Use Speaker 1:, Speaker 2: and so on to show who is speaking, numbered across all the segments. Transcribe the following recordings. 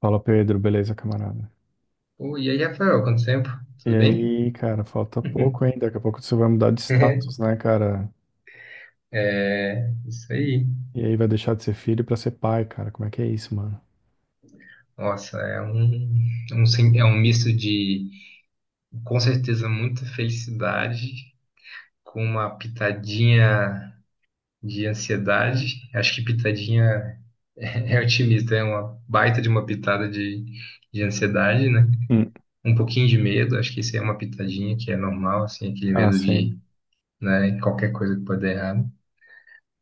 Speaker 1: Fala, Pedro, beleza, camarada?
Speaker 2: Pô, e aí, Rafael, quanto tempo?
Speaker 1: E
Speaker 2: Tudo bem?
Speaker 1: aí, cara, falta pouco ainda. Daqui a pouco você vai mudar de status, né, cara?
Speaker 2: É, isso aí.
Speaker 1: E aí vai deixar de ser filho pra ser pai, cara. Como é que é isso, mano?
Speaker 2: Nossa, é um, um é um misto de, com certeza, muita felicidade com uma pitadinha de ansiedade. Acho que pitadinha é otimista, é uma baita de uma pitada de ansiedade, né?
Speaker 1: Hum.
Speaker 2: Um pouquinho de medo, acho que isso aí é uma pitadinha que é normal, assim, aquele
Speaker 1: Ah,
Speaker 2: medo de,
Speaker 1: sim.
Speaker 2: né, qualquer coisa que pode dar errado.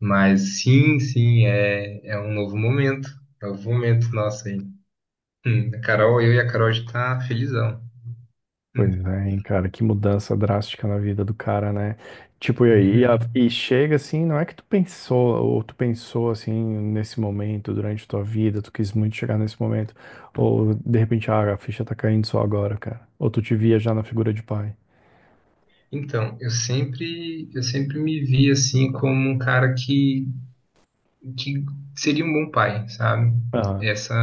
Speaker 2: Mas sim, sim, é um novo momento. É um novo momento nosso aí. A Carol, eu e a Carol já tá felizão.
Speaker 1: Pois
Speaker 2: Hum,
Speaker 1: é, hein, cara, que mudança drástica na vida do cara, né? Tipo, e aí,
Speaker 2: uhum.
Speaker 1: e chega assim, não é que tu pensou, ou tu pensou assim, nesse momento, durante tua vida, tu quis muito chegar nesse momento, ou de repente, ah, a ficha tá caindo só agora, cara. Ou tu te via já na figura de pai.
Speaker 2: Então, eu sempre me vi assim como um cara que seria um bom pai, sabe?
Speaker 1: Ah,
Speaker 2: Essa,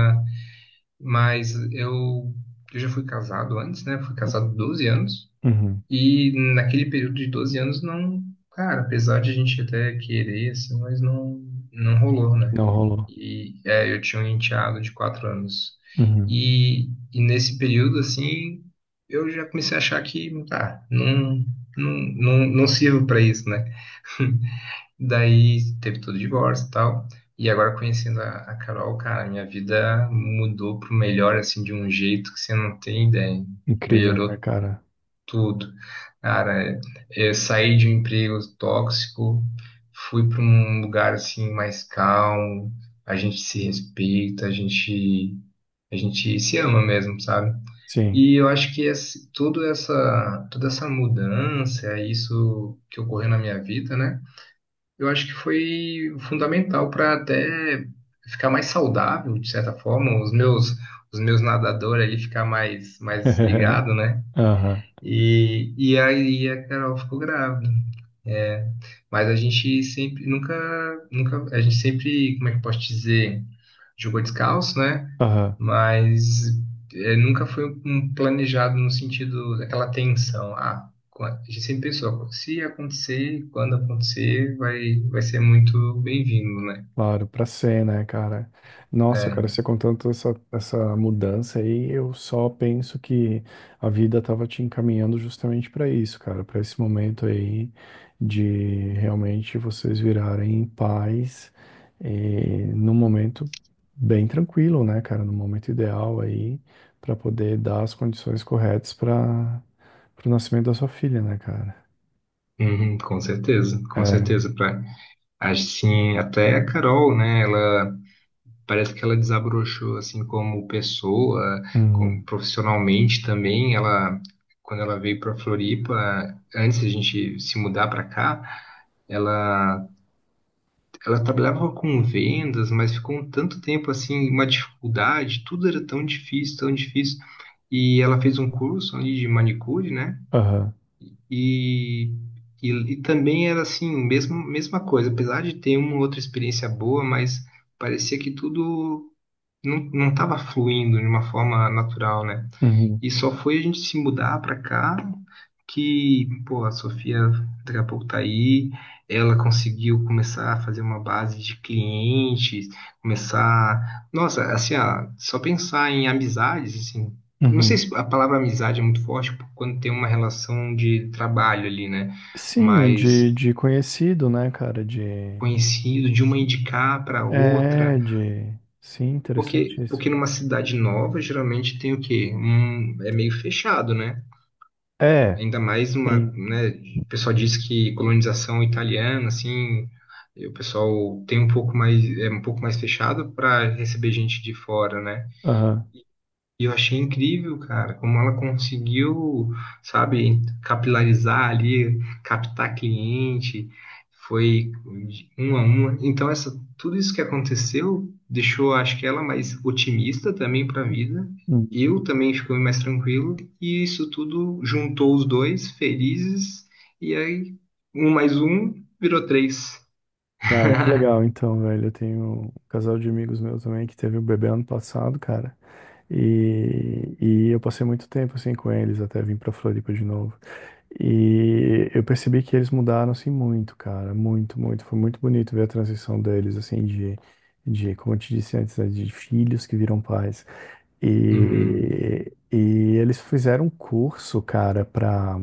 Speaker 2: mas eu já fui casado antes, né? Fui casado 12 anos.
Speaker 1: uhum.
Speaker 2: E naquele período de 12 anos não, cara, apesar de a gente até querer assim, mas não rolou, né?
Speaker 1: Não rolou.
Speaker 2: E é, eu tinha um enteado de quatro anos.
Speaker 1: Uhum.
Speaker 2: E, nesse período, assim, eu já comecei a achar que, tá, não, não, não sirvo para isso, né? Daí teve todo o divórcio e tal. E agora conhecendo a Carol, cara, minha vida mudou pro melhor, assim, de um jeito que você não tem ideia.
Speaker 1: Incrível, né,
Speaker 2: Melhorou
Speaker 1: cara?
Speaker 2: tudo. Cara, eu saí de um emprego tóxico, fui para um lugar assim mais calmo, a gente se respeita, a gente se ama mesmo, sabe?
Speaker 1: Sim.
Speaker 2: E eu acho que esse, tudo essa toda essa mudança, isso que ocorreu na minha vida, né? Eu acho que foi fundamental para até ficar mais saudável, de certa forma, os meus nadadores ali ficar mais ligado, né?
Speaker 1: Aham,
Speaker 2: E, aí a Carol ficou grávida. É, mas a gente sempre, nunca, nunca, a gente sempre, como é que eu posso dizer, jogou descalço, né?
Speaker 1: aham.
Speaker 2: Mas é, nunca foi um planejado no sentido daquela tensão. A gente sempre pensou, se acontecer, quando acontecer, vai ser muito bem-vindo, né?
Speaker 1: Claro, pra ser, né, cara? Nossa,
Speaker 2: É,
Speaker 1: cara, você contando essa mudança aí, eu só penso que a vida tava te encaminhando justamente pra isso, cara, pra esse momento aí de realmente vocês virarem pais e num momento bem tranquilo, né, cara? No momento ideal aí, pra poder dar as condições corretas para o nascimento da sua filha, né, cara?
Speaker 2: uhum, com certeza, com
Speaker 1: É.
Speaker 2: certeza. Pra, assim, até a Carol, né? Ela Parece que ela desabrochou assim como pessoa, como
Speaker 1: Uhum.
Speaker 2: profissionalmente também. Quando ela veio para Floripa, antes de a gente se mudar para cá, ela, ela trabalhava com vendas, mas ficou um tanto tempo assim, uma dificuldade. Tudo era tão difícil, tão difícil. E ela fez um curso ali de manicure, né?
Speaker 1: Aham.
Speaker 2: E e, também era assim, mesma coisa, apesar de ter uma outra experiência boa, mas parecia que tudo não tava fluindo de uma forma natural, né?
Speaker 1: Uhum.
Speaker 2: E só foi a gente se mudar pra cá que, pô, a Sofia daqui a pouco tá aí, ela conseguiu começar a fazer uma base de clientes, começar, nossa, assim, ó, só pensar em amizades, assim, não sei
Speaker 1: Uhum.
Speaker 2: se a palavra amizade é muito forte quando tem uma relação de trabalho ali, né?
Speaker 1: Sim,
Speaker 2: Mas
Speaker 1: de conhecido, né, cara? De.
Speaker 2: conhecido de uma indicar para outra.
Speaker 1: É, de. Sim, interessante
Speaker 2: Porque,
Speaker 1: isso.
Speaker 2: numa cidade nova, geralmente tem o quê? Um, é meio fechado, né?
Speaker 1: É,
Speaker 2: Ainda mais uma,
Speaker 1: sim.
Speaker 2: né? O pessoal diz que colonização italiana, assim, e o pessoal tem é um pouco mais fechado para receber gente de fora, né?
Speaker 1: Aham.
Speaker 2: E eu achei incrível, cara, como ela conseguiu, sabe, capilarizar ali, captar cliente, foi de um a um. Então, essa, tudo isso que aconteceu deixou, acho que ela mais otimista também para a vida.
Speaker 1: Uhum.
Speaker 2: Eu também fiquei mais tranquilo. E isso tudo juntou os dois felizes. E aí, um mais um virou três.
Speaker 1: Cara, que legal, então, velho. Eu tenho um casal de amigos meus também que teve um bebê ano passado, cara. E eu passei muito tempo assim com eles até vir pra Floripa de novo. E eu percebi que eles mudaram assim muito, cara, muito, muito. Foi muito bonito ver a transição deles assim de como eu te disse antes, né, de filhos que viram pais.
Speaker 2: Uhum,
Speaker 1: E eles fizeram um curso, cara, pra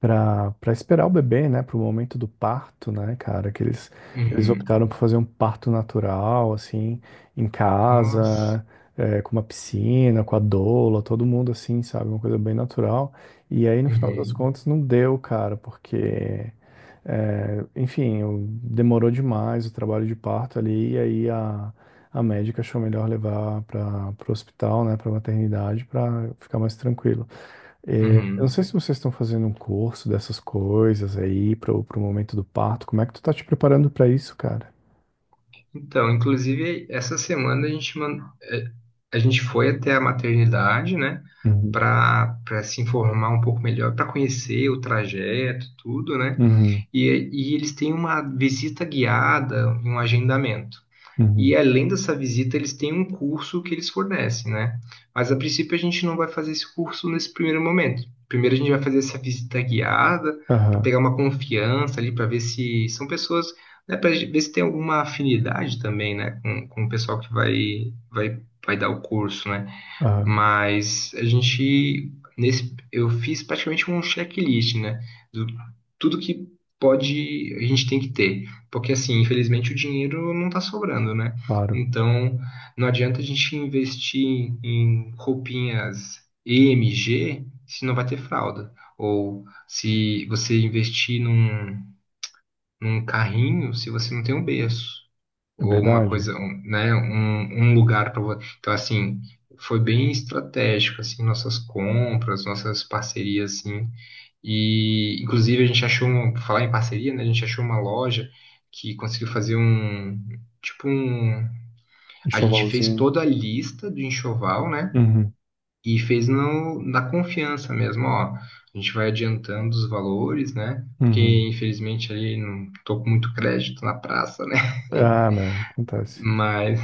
Speaker 1: para pra esperar o bebê, né, para o momento do parto, né, cara, que eles
Speaker 2: uhum.
Speaker 1: optaram por fazer um parto natural, assim, em
Speaker 2: Nossa.
Speaker 1: casa, é, com uma piscina, com a doula, todo mundo assim, sabe, uma coisa bem natural. E aí, no final das
Speaker 2: Uhum,
Speaker 1: contas, não deu, cara, porque, é, enfim, demorou demais o trabalho de parto ali, e aí a médica achou melhor levar para o hospital, né, pra maternidade, para ficar mais tranquilo. É, eu não
Speaker 2: uhum.
Speaker 1: sei se vocês estão fazendo um curso dessas coisas aí pro momento do parto. Como é que tu tá te preparando pra isso, cara?
Speaker 2: Então, inclusive, essa semana a gente foi até a maternidade, né,
Speaker 1: Uhum,
Speaker 2: para se informar um pouco melhor, para conhecer o trajeto, tudo, né?
Speaker 1: uhum,
Speaker 2: E, eles têm uma visita guiada, um agendamento. E
Speaker 1: uhum,
Speaker 2: além dessa visita, eles têm um curso que eles fornecem, né? Mas a princípio a gente não vai fazer esse curso nesse primeiro momento. Primeiro a gente vai fazer essa visita guiada para
Speaker 1: aham,
Speaker 2: pegar uma confiança ali, para ver se são pessoas, né, para ver se tem alguma afinidade também, né, com o pessoal que vai dar o curso, né?
Speaker 1: aham,
Speaker 2: Mas a gente, nesse, eu fiz praticamente um checklist, né? Do tudo que pode, a gente tem que ter. Porque, assim, infelizmente o dinheiro não tá sobrando, né?
Speaker 1: claro.
Speaker 2: Então, não adianta a gente investir em roupinhas EMG se não vai ter fralda. Ou se você investir num carrinho se você não tem um berço
Speaker 1: É
Speaker 2: ou uma
Speaker 1: verdade.
Speaker 2: coisa, um, né, um lugar para você. Então, assim, foi bem estratégico assim nossas compras, nossas parcerias assim. E inclusive a gente achou uma, por falar em parceria, né, a gente achou uma loja que conseguiu fazer um tipo um. A gente fez
Speaker 1: Enxovalzinho.
Speaker 2: toda a lista do enxoval, né,
Speaker 1: Uhum,
Speaker 2: e fez no, na confiança mesmo, ó, a gente vai adiantando os valores, né? Porque,
Speaker 1: uhum,
Speaker 2: infelizmente, ali não tô com muito crédito na praça, né?
Speaker 1: ah, meu, acontece.
Speaker 2: Mas,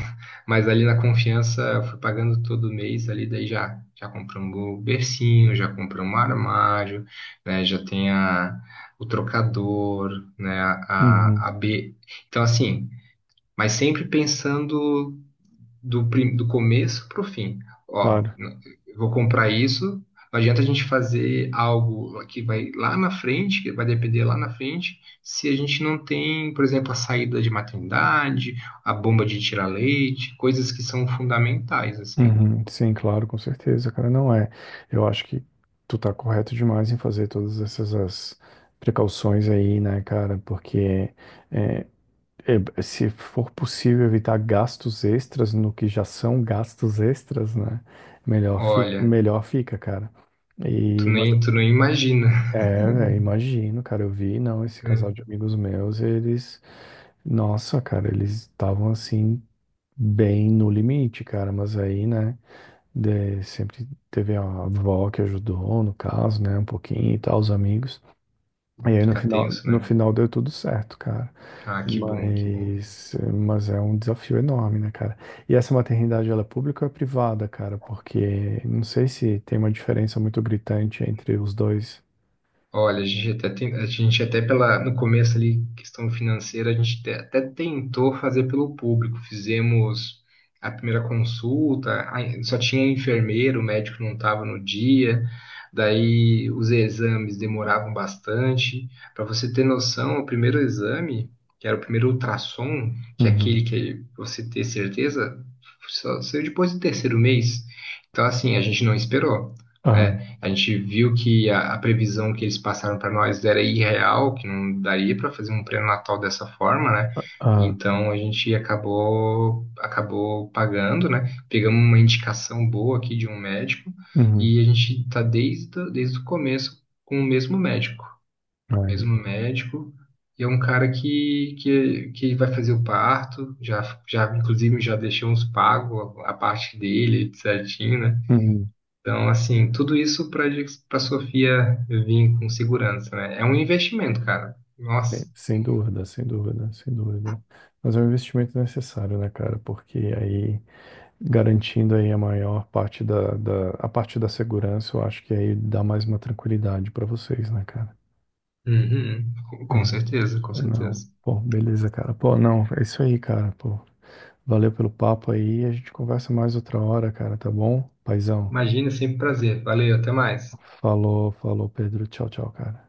Speaker 2: ali na confiança, eu fui pagando todo mês ali, daí já compramos o bercinho, já compramos um armário, né? Já tem a, o trocador, né?
Speaker 1: Uhum,
Speaker 2: A B. Então, assim, mas sempre pensando do começo para o fim. Ó,
Speaker 1: claro.
Speaker 2: n- eu vou comprar isso. Não adianta a gente fazer algo que vai lá na frente, que vai depender lá na frente, se a gente não tem, por exemplo, a saída de maternidade, a bomba de tirar leite, coisas que são fundamentais, assim.
Speaker 1: Uhum. Sim, claro, com certeza, cara. Não é. Eu acho que tu tá correto demais em fazer todas essas as precauções aí, né, cara? Porque é, se for possível evitar gastos extras no que já são gastos extras, né?
Speaker 2: Olha,
Speaker 1: Melhor fica, cara. E, mas,
Speaker 2: tu não imagina,
Speaker 1: é, velho, imagino, cara, eu vi, não, esse
Speaker 2: né?
Speaker 1: casal de amigos meus, eles, nossa, cara, eles estavam assim, bem no limite, cara, mas aí, né, sempre teve a avó que ajudou, no caso, né, um pouquinho e tal, os amigos. E aí no
Speaker 2: Fica
Speaker 1: final,
Speaker 2: tenso,
Speaker 1: no
Speaker 2: né?
Speaker 1: final deu tudo certo, cara.
Speaker 2: Ah, que bom, que bom.
Speaker 1: Mas é um desafio enorme, né, cara? E essa maternidade, ela é pública ou é privada, cara? Porque não sei se tem uma diferença muito gritante entre os dois.
Speaker 2: Olha, a gente até pela, no começo ali, questão financeira, até tentou fazer pelo público. Fizemos a primeira consulta, a- só tinha enfermeiro, o médico não estava no dia, daí os exames demoravam bastante. Para você ter noção, o primeiro exame, que era o primeiro ultrassom, que é
Speaker 1: Uhum.
Speaker 2: aquele que você ter certeza, só saiu depois do terceiro mês. Então, assim, a gente não esperou,
Speaker 1: Aham.
Speaker 2: né? A gente viu que a previsão que eles passaram para nós era irreal, que não daria para fazer um pré-natal dessa forma, né?
Speaker 1: Aham.
Speaker 2: Então a gente acabou pagando, né? Pegamos uma indicação boa aqui de um médico
Speaker 1: Uhum.
Speaker 2: e a gente está desde o começo com o mesmo médico,
Speaker 1: Aí.
Speaker 2: mesmo médico. E é um cara que, que vai fazer o parto, já, já inclusive já deixou uns pagos a parte dele certinho, né?
Speaker 1: Uhum.
Speaker 2: Então, assim, tudo isso para a Sofia vir com segurança, né? É um investimento, cara.
Speaker 1: Sem,
Speaker 2: Nossa.
Speaker 1: sem dúvida, sem dúvida, sem dúvida. Mas é um investimento necessário, né, cara? Porque aí, garantindo aí a maior parte a parte da segurança, eu acho que aí dá mais uma tranquilidade pra vocês, né, cara?
Speaker 2: Uhum. Com
Speaker 1: É,
Speaker 2: certeza, com
Speaker 1: não.
Speaker 2: certeza.
Speaker 1: Pô, beleza, cara. Pô, não, é isso aí, cara. Pô, valeu pelo papo aí. A gente conversa mais outra hora, cara, tá bom? Paizão.
Speaker 2: Imagina, sempre um prazer. Valeu, até mais.
Speaker 1: Falou, falou, Pedro. Tchau, tchau, cara.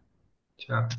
Speaker 2: Tchau.